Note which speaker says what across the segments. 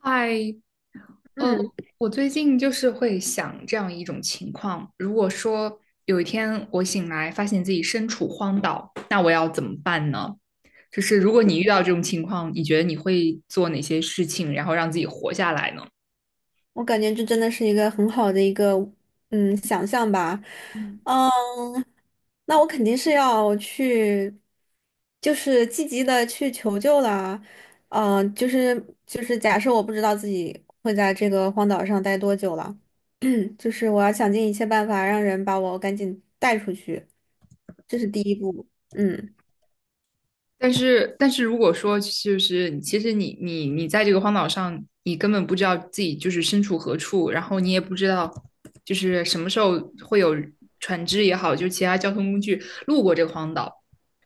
Speaker 1: 嗨，呃，
Speaker 2: 嗯，
Speaker 1: 我最近就是会想这样一种情况：如果说有一天我醒来发现自己身处荒岛，那我要怎么办呢？就是如果你遇到这种情况，你觉得你会做哪些事情，然后让自己活下来呢？
Speaker 2: 我感觉这真的是一个很好的一个想象吧。嗯，那我肯定是要去，就是积极的去求救啦。就是假设我不知道自己会在这个荒岛上待多久了，就是我要想尽一切办法让人把我赶紧带出去，这是第一步。嗯。
Speaker 1: 但是如果说就是，其实你在这个荒岛上，你根本不知道自己就是身处何处，然后你也不知道就是什么时候会有船只也好，就是其他交通工具路过这个荒岛，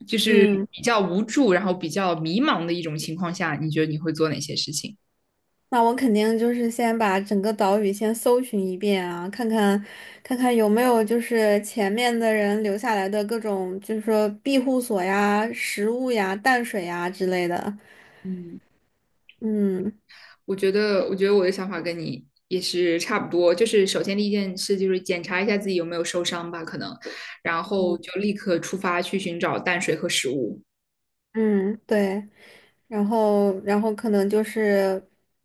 Speaker 1: 就是
Speaker 2: 嗯。
Speaker 1: 比较无助，然后比较迷茫的一种情况下，你觉得你会做哪些事情？
Speaker 2: 那我肯定就是先把整个岛屿先搜寻一遍啊，看看有没有就是前面的人留下来的各种，就是说庇护所呀、食物呀、淡水呀之类的。
Speaker 1: 嗯，
Speaker 2: 嗯
Speaker 1: 我觉得我的想法跟你也是差不多。就是首先第一件事就是检查一下自己有没有受伤吧，可能，然后就立刻出发去寻找淡水和食物。
Speaker 2: 嗯，对。然后可能就是，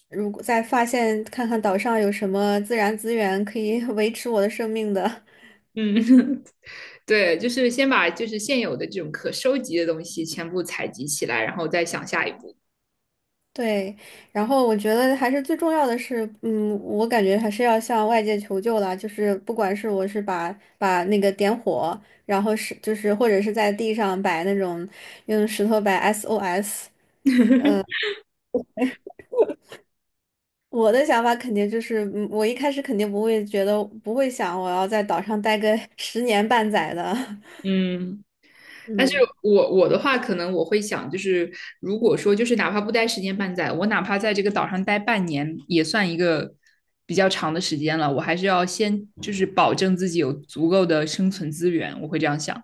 Speaker 2: 如果再发现看看岛上有什么自然资源可以 维持我的生命的。
Speaker 1: 嗯，对，就是先把就是现有的这种可收集的东西全部采集起来，然后再想下一步。
Speaker 2: 对，然后我觉得还是最重要的是，我感觉还是要向外界求救啦，就是不管是我是把那个点火，然后是就是或者是在地上摆那种用石头摆 SOS。我的想法肯定就是，我一开始肯定不会想我要在岛上待个十年半载的。
Speaker 1: 嗯，但是
Speaker 2: 嗯
Speaker 1: 我的话，可能我会想，就是如果说就是哪怕不待十年半载，我哪怕在这个岛上待半年，也算一个比较长的时间了。我还是要先就是保证自己有足够的生存资源，我会这样想。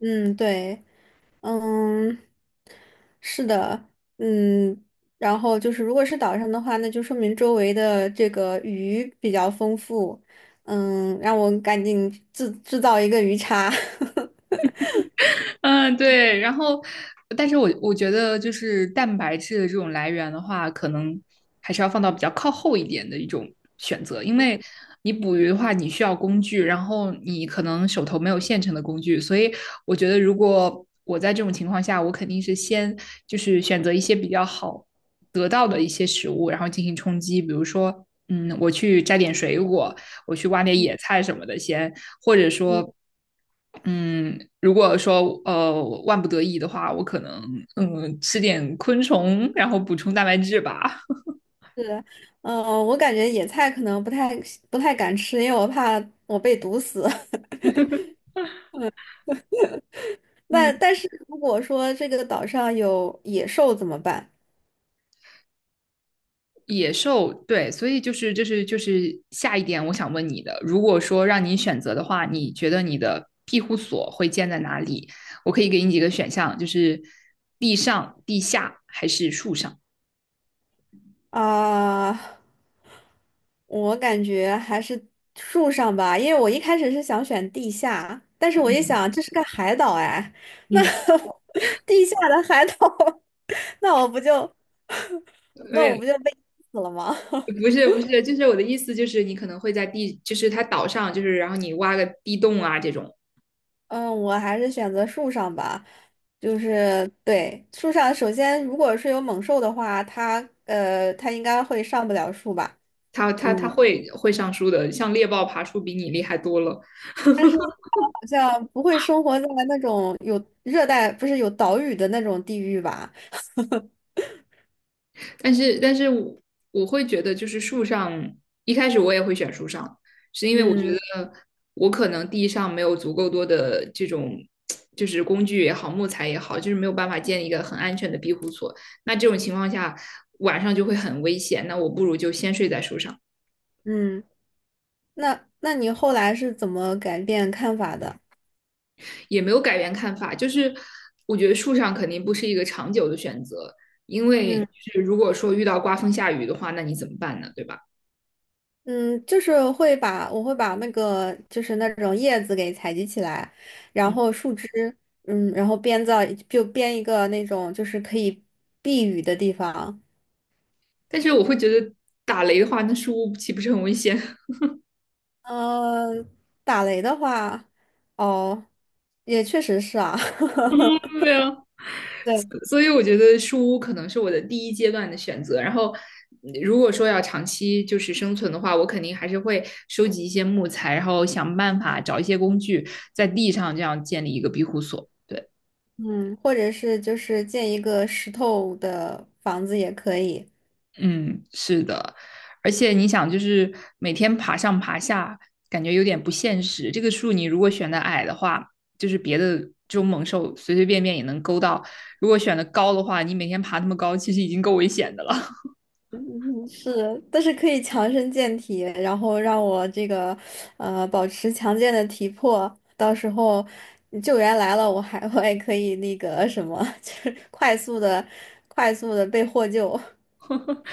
Speaker 2: 嗯，对。嗯，是的。嗯，然后就是如果是岛上的话，那就说明周围的这个鱼比较丰富。让我赶紧制造一个鱼叉。
Speaker 1: 嗯，对，然后，但是我觉得就是蛋白质的这种来源的话，可能还是要放到比较靠后一点的一种选择，因为你捕鱼的话，你需要工具，然后你可能手头没有现成的工具，所以我觉得如果我在这种情况下，我肯定是先就是选择一些比较好得到的一些食物，然后进行充饥，比如说，嗯，我去摘点水果，我去挖点野菜什么的，先或者说，嗯，如果说万不得已的话，我可能吃点昆虫，然后补充蛋白质吧。
Speaker 2: 是。嗯，我感觉野菜可能不太敢吃，因为我怕我被毒死。那
Speaker 1: 嗯，
Speaker 2: 但是如果说这个岛上有野兽怎么办？
Speaker 1: 野兽，对，所以就是这、是就是下一点，我想问你的，如果说让你选择的话，你觉得你的庇护所会建在哪里？我可以给你几个选项，就是地上、地下还是树上？
Speaker 2: 啊，我感觉还是树上吧，因为我一开始是想选地下，但是我一想这是个海岛哎。那
Speaker 1: 嗯，
Speaker 2: 地下的海岛，那我不就
Speaker 1: 没
Speaker 2: 那我
Speaker 1: 有，
Speaker 2: 不就被淹死了吗？
Speaker 1: 不是，就是我的意思就是你可能会在地，就是它岛上，就是然后你挖个地洞啊这种。
Speaker 2: 嗯，我还是选择树上吧。就是对树上，首先如果是有猛兽的话，它它应该会上不了树吧。
Speaker 1: 他
Speaker 2: 嗯。
Speaker 1: 会上树的，像猎豹爬树比你厉害多了。
Speaker 2: 但是好像不会生活在那种有热带，不是有岛屿的那种地域吧？
Speaker 1: 但是我会觉得，就是树上一开始我也会选树上，是因为我觉
Speaker 2: 嗯。
Speaker 1: 得我可能地上没有足够多的这种就是工具也好，木材也好，就是没有办法建一个很安全的庇护所。那这种情况下，晚上就会很危险。那我不如就先睡在树上。
Speaker 2: 嗯，那那你后来是怎么改变看法的？
Speaker 1: 也没有改变看法，就是我觉得树上肯定不是一个长久的选择，因为
Speaker 2: 嗯
Speaker 1: 是如果说遇到刮风下雨的话，那你怎么办呢？对吧？
Speaker 2: 嗯，就是会把那个就是那种叶子给采集起来，然后树枝，然后就编一个那种就是可以避雨的地方。
Speaker 1: 但是我会觉得打雷的话，那树屋岂不是很危险？
Speaker 2: 嗯，打雷的话，哦，也确实是啊。
Speaker 1: 对啊，
Speaker 2: 对。
Speaker 1: 所以我觉得树屋可能是我的第一阶段的选择。然后，如果说要长期就是生存的话，我肯定还是会收集一些木材，然后想办法找一些工具，在地上这样建立一个庇护所。对，
Speaker 2: 嗯，或者是就是建一个石头的房子也可以。
Speaker 1: 嗯，是的，而且你想，就是每天爬上爬下，感觉有点不现实。这个树你如果选的矮的话，就是别的这种猛兽随随便便也能勾到；如果选的高的话，你每天爬那么高，其实已经够危险的了。
Speaker 2: 嗯是，但是可以强身健体，然后让我这个保持强健的体魄，到时候救援来了，我也可以那个什么，就是快速的被获救。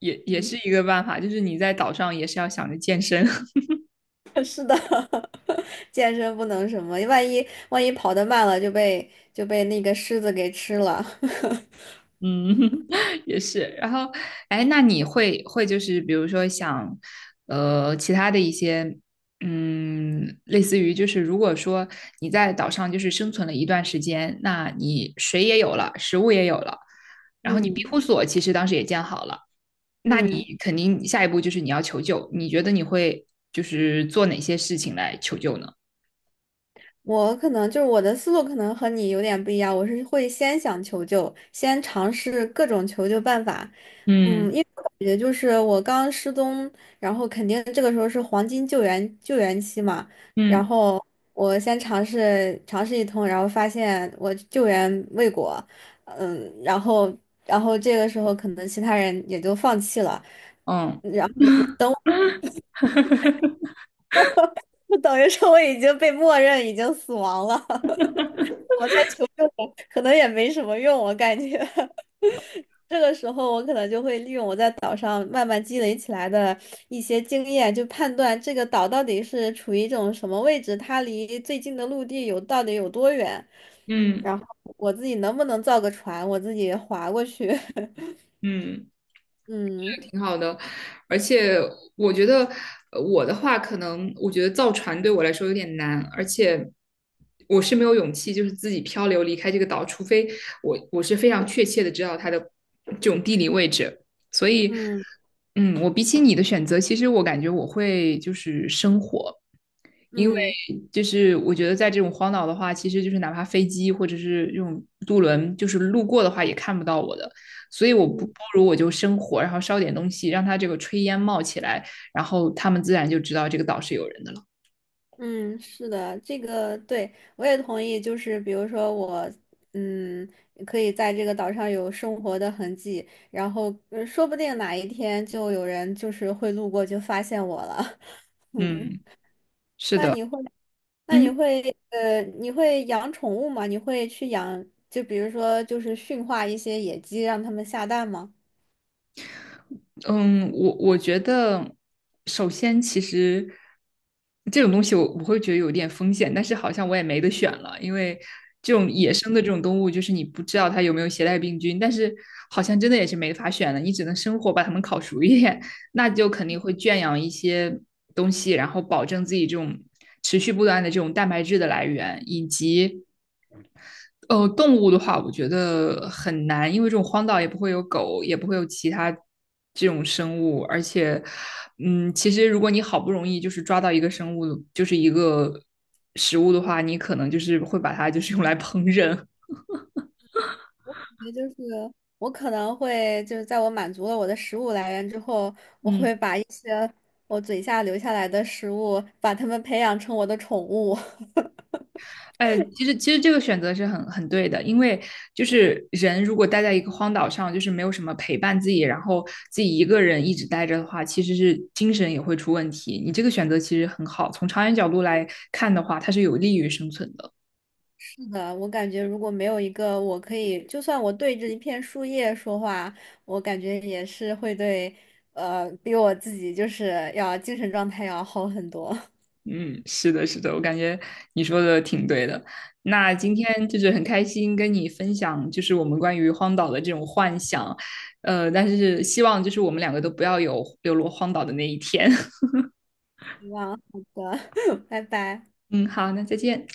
Speaker 1: 也是一个办法，就是你在岛上也是要想着健身。
Speaker 2: 是的。健身不能什么，万一跑得慢了就被那个狮子给吃了。
Speaker 1: 嗯，也是。然后，哎，那你会就是比如说想，其他的一些，嗯，类似于就是如果说你在岛上就是生存了一段时间，那你水也有了，食物也有了，然后你庇
Speaker 2: 嗯。
Speaker 1: 护所其实当时也建好了，那你
Speaker 2: 嗯。
Speaker 1: 肯定下一步就是你要求救。你觉得你会就是做哪些事情来求救呢？
Speaker 2: 我可能就是我的思路可能和你有点不一样，我是会先想求救，先尝试各种求救办法。
Speaker 1: 嗯
Speaker 2: 嗯，因为我感觉就是我刚失踪，然后肯定这个时候是黄金救援期嘛。然
Speaker 1: 嗯
Speaker 2: 后我先尝试一通，然后发现我救援未果。然后这个时候可能其他人也就放弃了，
Speaker 1: 嗯
Speaker 2: 然后 就等于说我已经被默认已经死亡了。我在求救了可能也没什么用，我感觉 这个时候我可能就会利用我在岛上慢慢积累起来的一些经验，就判断这个岛到底是处于一种什么位置，它离最近的陆地到底有多远，
Speaker 1: 嗯
Speaker 2: 然后我自己能不能造个船，我自己划过去。
Speaker 1: 嗯。
Speaker 2: 嗯。
Speaker 1: 挺好的，而且我觉得我的话，可能我觉得造船对我来说有点难，而且我是没有勇气，就是自己漂流离开这个岛，除非我是非常确切的知道它的这种地理位置。所以，
Speaker 2: 嗯，
Speaker 1: 嗯，我比起你的选择，其实我感觉我会就是生活。因为
Speaker 2: 嗯
Speaker 1: 就是我觉得在这种荒岛的话，其实就是哪怕飞机或者是这种渡轮，就是路过的话也看不到我的，所以我不不
Speaker 2: 嗯。
Speaker 1: 如我就生火，然后烧点东西，让它这个炊烟冒起来，然后他们自然就知道这个岛是有人的了。
Speaker 2: 嗯，是的，这个对，我也同意。就是比如说我，嗯，可以在这个岛上有生活的痕迹，然后说不定哪一天就有人就是会路过就发现我了。嗯，
Speaker 1: 嗯，是
Speaker 2: 那
Speaker 1: 的，
Speaker 2: 你会，那你
Speaker 1: 嗯，
Speaker 2: 会，你会养宠物吗？你会去养，就比如说就是驯化一些野鸡，让它们下蛋吗？
Speaker 1: 嗯，我觉得，首先其实这种东西我会觉得有点风险，但是好像我也没得选了，因为这种野生的这种动物，就是你不知道它有没有携带病菌，但是好像真的也是没法选的，你只能生火把它们烤熟一点，那就肯定会圈养一些东西，然后保证自己这种持续不断的这种蛋白质的来源，以及动物的话，我觉得很难，因为这种荒岛也不会有狗，也不会有其他这种生物，而且，嗯，其实如果你好不容易就是抓到一个生物，就是一个食物的话，你可能就是会把它就是用来烹饪。
Speaker 2: 也就是我可能会就是在我满足了我的食物来源之后。
Speaker 1: 嗯，
Speaker 2: 我嘴下留下来的食物，把它们培养成我的宠物。
Speaker 1: 哎，其实这个选择是很对的，因为就是人如果待在一个荒岛上，就是没有什么陪伴自己，然后自己一个人一直待着的话，其实是精神也会出问题。你这个选择其实很好，从长远角度来看的话，它是有利于生存的。
Speaker 2: 是的，我感觉如果没有一个我可以，就算我对着一片树叶说话，我感觉也是比我自己就是要精神状态要好很多。
Speaker 1: 嗯，是的，是的，我感觉你说的挺对的。那今天就是很开心跟你分享，就是我们关于荒岛的这种幻想，但是希望就是我们两个都不要有流落荒岛的那一天。
Speaker 2: 希望好的。拜拜。
Speaker 1: 嗯，好，那再见。